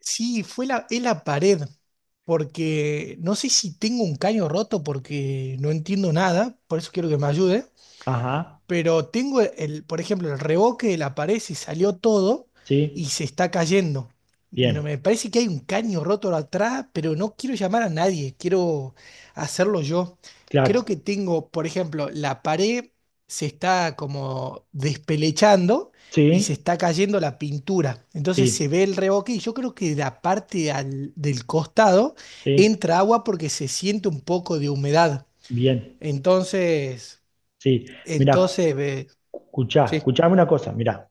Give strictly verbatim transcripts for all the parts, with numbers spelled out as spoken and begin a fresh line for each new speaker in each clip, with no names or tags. Sí, fue la, es la pared, porque no sé si tengo un caño roto porque no entiendo nada, por eso quiero que me ayude.
Ajá,
Pero tengo el, por ejemplo, el reboque de la pared se salió todo y
sí,
se está cayendo. No,
bien,
me parece que hay un caño roto atrás, pero no quiero llamar a nadie, quiero hacerlo yo. Creo que
claro,
tengo, por ejemplo, la pared se está como despelechando y se
sí,
está cayendo la pintura. Entonces se
sí,
ve el reboque y yo creo que de la parte al- del costado
sí,
entra agua porque se siente un poco de humedad.
bien,
Entonces,
sí. Mirá,
entonces, ve-
escuchá,
Sí.
escuchame una cosa, mirá,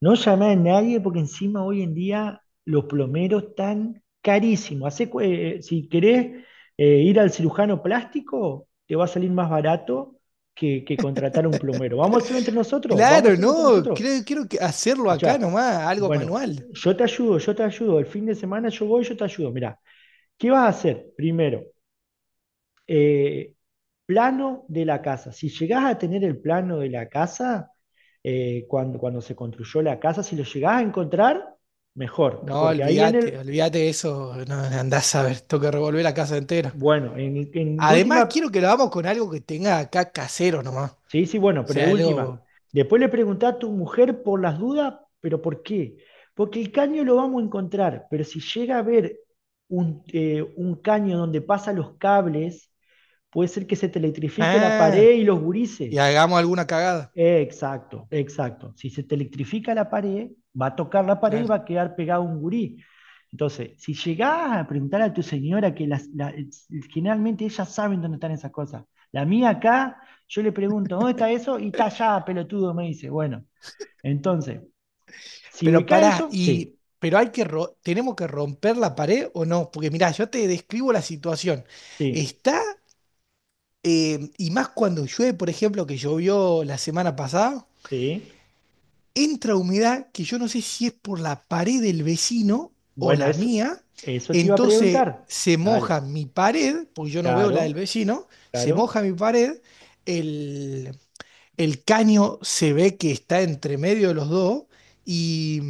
no llamé a nadie porque encima hoy en día los plomeros están carísimos. Hacé cu- eh, eh, si querés eh, ir al cirujano plástico, te va a salir más barato que, que contratar un plomero. Vamos a hacerlo entre nosotros, vamos a
Claro,
hacerlo entre
no,
nosotros.
creo, quiero que hacerlo acá
Escuchá,
nomás, algo
bueno,
manual.
yo te ayudo, yo te ayudo, el fin de semana yo voy, yo te ayudo, mirá. ¿Qué vas a hacer? Primero, eh, plano de la casa. Si llegás a tener el plano de la casa, eh, cuando, cuando se construyó la casa, si lo llegás a encontrar, mejor,
No,
porque ahí en
olvídate,
el,
olvídate de eso, no, andás a ver, tengo que revolver la casa entera.
bueno, en, en de
Además, quiero
última,
que lo hagamos con algo que tenga acá casero nomás. O
sí, sí, bueno, pero de
sea,
última,
algo.
después le preguntá a tu mujer por las dudas, pero ¿por qué? Porque el caño lo vamos a encontrar, pero si llega a ver un, eh, un caño donde pasan los cables, puede ser que se te electrifique la pared
Ah,
y los
y
gurises.
hagamos alguna cagada,
Exacto, exacto. Si se te electrifica la pared, va a tocar la pared y va
claro.
a quedar pegado un gurí. Entonces, si llegás a preguntar a tu señora, que las, la- generalmente ellas saben dónde están esas cosas. La mía acá, yo le pregunto, ¿dónde está eso? Y está allá, pelotudo, me dice. Bueno, entonces, si
Pero
ubicás
pará,
eso,
y.
sí,
Pero hay que ro- tenemos que romper la pared o no, porque mirá, yo te describo la situación.
sí,
Está, eh, y más cuando llueve, por ejemplo, que llovió la semana pasada.
sí.
Entra humedad que yo no sé si es por la pared del vecino o
Bueno,
la
eso,
mía,
eso te iba a
entonces
preguntar.
se
Dale,
moja mi pared, porque yo no veo la del
claro,
vecino, se moja
claro,
mi pared, el, el caño se ve que está entre medio de los dos y,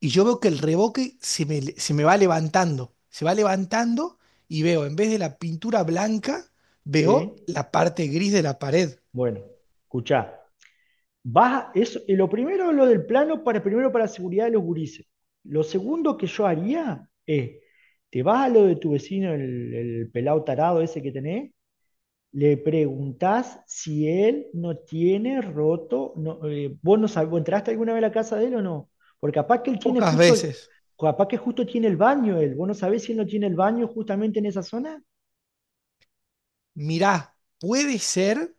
y yo veo que el revoque se me, se me va levantando, se va levantando y veo, en vez de la pintura blanca, veo
sí.
la parte gris de la pared.
Bueno, escuchá. Vas, eso, y lo primero es lo del plano para primero para la seguridad de los gurises. Lo segundo que yo haría es, te vas a lo de tu vecino, el, el pelado tarado ese que tenés, le preguntás si él no tiene roto, no, eh, vos no sabés, ¿vos entraste alguna vez a la casa de él o no? Porque capaz que él tiene
Pocas
justo, el-
veces.
capaz que justo tiene el baño él, vos no sabés si él no tiene el baño justamente en esa zona.
Mirá, puede ser.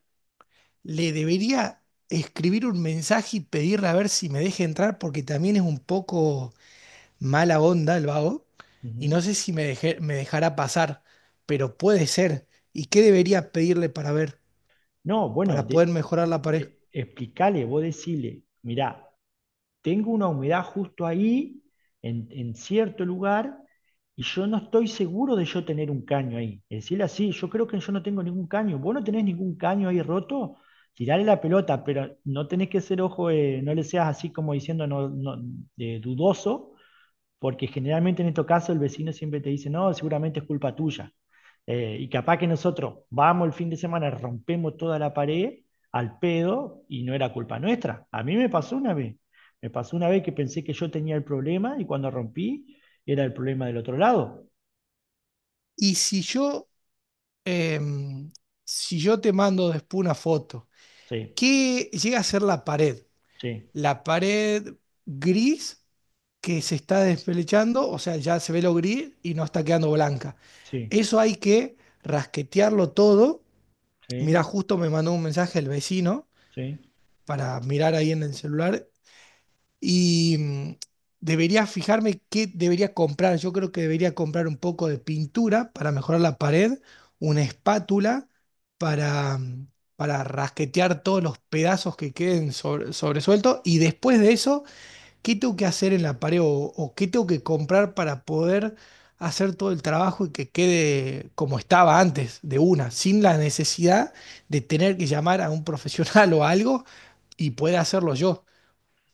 Le debería escribir un mensaje y pedirle a ver si me deja entrar porque también es un poco mala onda el vago y
Ujú.
no sé si me, deje- me dejará pasar, pero puede ser. ¿Y qué debería pedirle para ver,
No, bueno,
para poder
de,
mejorar la pared?
de- explicale, vos decile, mirá, tengo una humedad justo ahí, en, en cierto lugar, y yo no estoy seguro de yo tener un caño ahí. Es decir, así, yo creo que yo no tengo ningún caño. ¿Vos no tenés ningún caño ahí roto? Tirale la pelota, pero no tenés que ser ojo, eh, no le seas así como diciendo no, no, eh, dudoso, porque generalmente en estos casos el vecino siempre te dice, no, seguramente es culpa tuya. Eh, y capaz que nosotros vamos el fin de semana, rompemos toda la pared al pedo y no era culpa nuestra. A mí me pasó una vez. Me pasó una vez que pensé que yo tenía el problema y cuando rompí era el problema del otro lado.
Y si yo, em, si yo te mando después una foto,
Sí,
¿qué llega a ser la pared?
sí,
¿La pared gris? Que se está despelechando, o sea, ya se ve lo gris y no está quedando blanca.
sí,
Eso hay que rasquetearlo todo.
sí,
Mirá, justo me mandó un mensaje el vecino
sí.
para mirar ahí en el celular y mm, debería fijarme qué debería comprar. Yo creo que debería comprar un poco de pintura para mejorar la pared, una espátula para, mm, para rasquetear todos los pedazos que queden sobre- sobresueltos y después de eso, ¿qué tengo que hacer en la pared o, o qué tengo que comprar para poder hacer todo el trabajo y que quede como estaba antes, de una, sin la necesidad de tener que llamar a un profesional o algo y pueda hacerlo yo?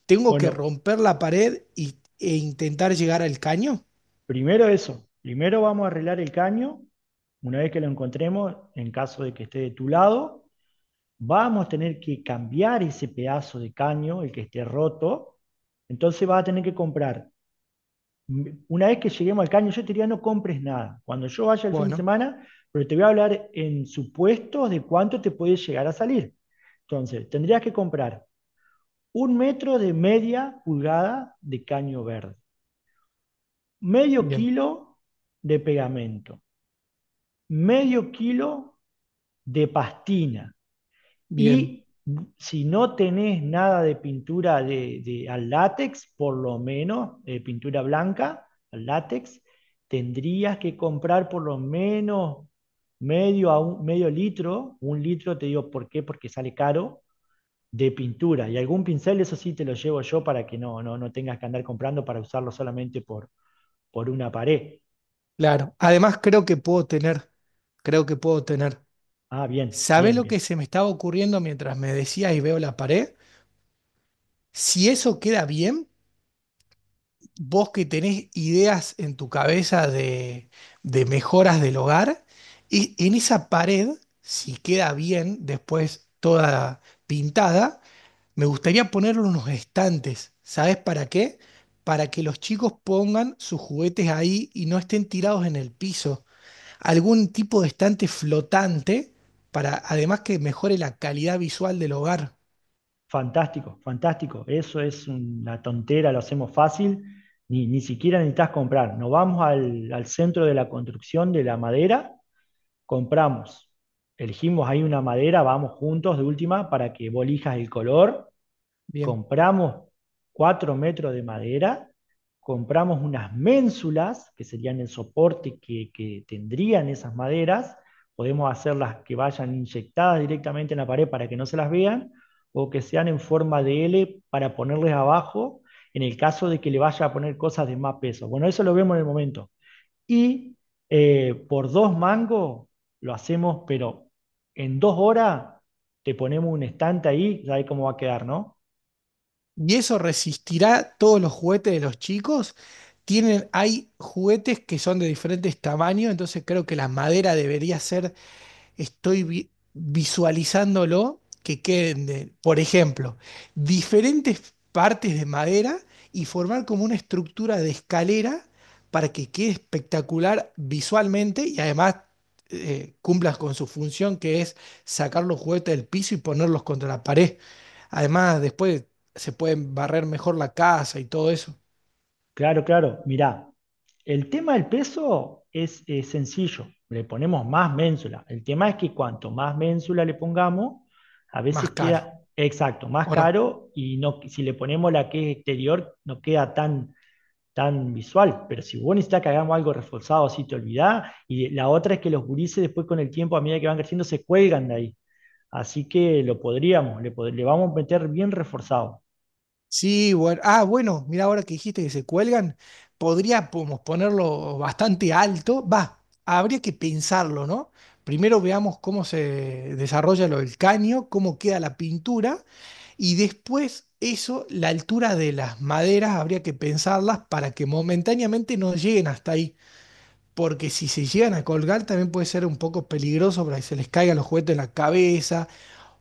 ¿Tengo que
Bueno,
romper la pared y- e intentar llegar al caño?
primero eso. Primero vamos a arreglar el caño. Una vez que lo encontremos, en caso de que esté de tu lado, vamos a tener que cambiar ese pedazo de caño, el que esté roto, entonces vas a tener que comprar. Una vez que lleguemos al caño, yo te diría no compres nada. Cuando yo vaya el fin de
Bueno,
semana, pero te voy a hablar en supuestos de cuánto te puede llegar a salir. Entonces, tendrías que comprar un metro de media pulgada de caño verde, medio
bien,
kilo de pegamento, medio kilo de pastina.
bien,
Y si no tenés nada de pintura de, de- al látex, por lo menos eh, pintura blanca al látex, tendrías que comprar por lo menos medio, a un, medio litro, un litro, te digo por qué, porque sale caro, de pintura. Y algún pincel, eso sí te lo llevo yo para que no, no, no tengas que andar comprando para usarlo solamente por, por una pared.
claro. Además, creo que puedo tener, creo que puedo tener.
Ah, bien,
¿Sabe
bien,
lo que
bien.
se me estaba ocurriendo mientras me decías y veo la pared? Si eso queda bien. Vos que tenés ideas en tu cabeza de, de mejoras del hogar, y en esa pared, si queda bien después toda pintada, me gustaría ponerle unos estantes. ¿Sabes para qué? Para que los chicos pongan sus juguetes ahí y no estén tirados en el piso. Algún tipo de estante flotante para además que mejore la calidad visual del hogar.
Fantástico, fantástico. Eso es una tontera, lo hacemos fácil. Ni, ni siquiera necesitas comprar. Nos vamos al, al centro de la construcción de la madera, compramos. Elegimos ahí una madera, vamos juntos de última para que vos elijas el color,
Bien.
compramos cuatro metros de madera, compramos unas ménsulas, que serían el soporte que, que tendrían esas maderas, podemos hacerlas que vayan inyectadas directamente en la pared para que no se las vean, o que sean en forma de L para ponerles abajo, en el caso de que le vaya a poner cosas de más peso. Bueno, eso lo vemos en el momento. Y eh, por dos mangos lo hacemos, pero en dos horas te ponemos un estante ahí, ya ahí cómo va a quedar, ¿no?
¿Y eso resistirá todos los juguetes de los chicos? Tienen, hay juguetes que son de diferentes tamaños, entonces creo que la madera debería ser, estoy vi- visualizándolo que queden, de- por ejemplo, diferentes partes de madera y formar como una estructura de escalera para que quede espectacular visualmente y además eh, cumplas con su función que es sacar los juguetes del piso y ponerlos contra la pared. Además, después se pueden barrer mejor la casa y todo eso,
Claro, claro. Mirá, el tema del peso es, eh, sencillo. Le ponemos más ménsula. El tema es que cuanto más ménsula le pongamos, a
más
veces
caro,
queda exacto, más
¿o no?
caro y no, si le ponemos la que es exterior, no queda tan, tan visual. Pero si vos necesitas que hagamos algo reforzado, así te olvidás. Y la otra es que los gurises después con el tiempo, a medida que van creciendo, se cuelgan de ahí. Así que lo podríamos, le, pod- le vamos a meter bien reforzado.
Sí, bueno. Ah, bueno, mira, ahora que dijiste que se cuelgan, podríamos ponerlo bastante alto. Va, habría que pensarlo, ¿no? Primero veamos cómo se desarrolla lo del caño, cómo queda la pintura, y después eso, la altura de las maderas, habría que pensarlas para que momentáneamente no lleguen hasta ahí. Porque si se llegan a colgar, también puede ser un poco peligroso para que se les caigan los juguetes en la cabeza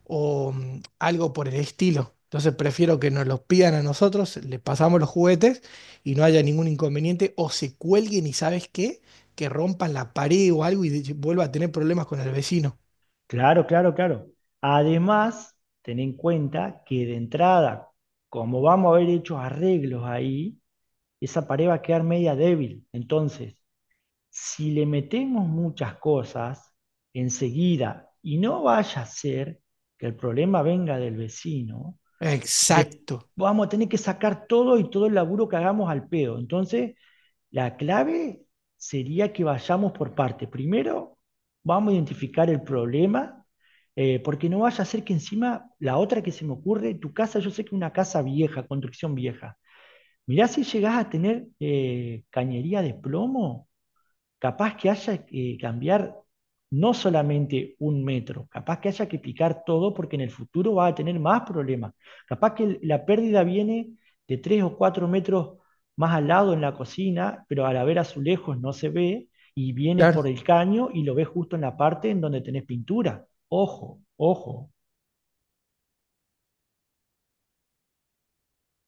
o mm, algo por el estilo. Entonces prefiero que nos los pidan a nosotros, le pasamos los juguetes y no haya ningún inconveniente o se cuelguen y sabes qué, que rompan la pared o algo y de- vuelva a tener problemas con el vecino.
Claro, claro, claro. Además, ten en cuenta que de entrada, como vamos a haber hecho arreglos ahí, esa pared va a quedar media débil. Entonces, si le metemos muchas cosas enseguida y no vaya a ser que el problema venga del vecino, de-
Exacto.
vamos a tener que sacar todo y todo el laburo que hagamos al pedo. Entonces, la clave sería que vayamos por parte. Primero, vamos a identificar el problema, eh, porque no vaya a ser que encima la otra que se me ocurre, tu casa, yo sé que es una casa vieja, construcción vieja. Mirá si llegás a tener eh, cañería de plomo, capaz que haya que cambiar no solamente un metro, capaz que haya que picar todo porque en el futuro va a tener más problemas. Capaz que la pérdida viene de tres o cuatro metros más al lado en la cocina, pero al haber azulejos no se ve y viene
Claro.
por el caño y lo ves justo en la parte en donde tenés pintura. Ojo, ojo.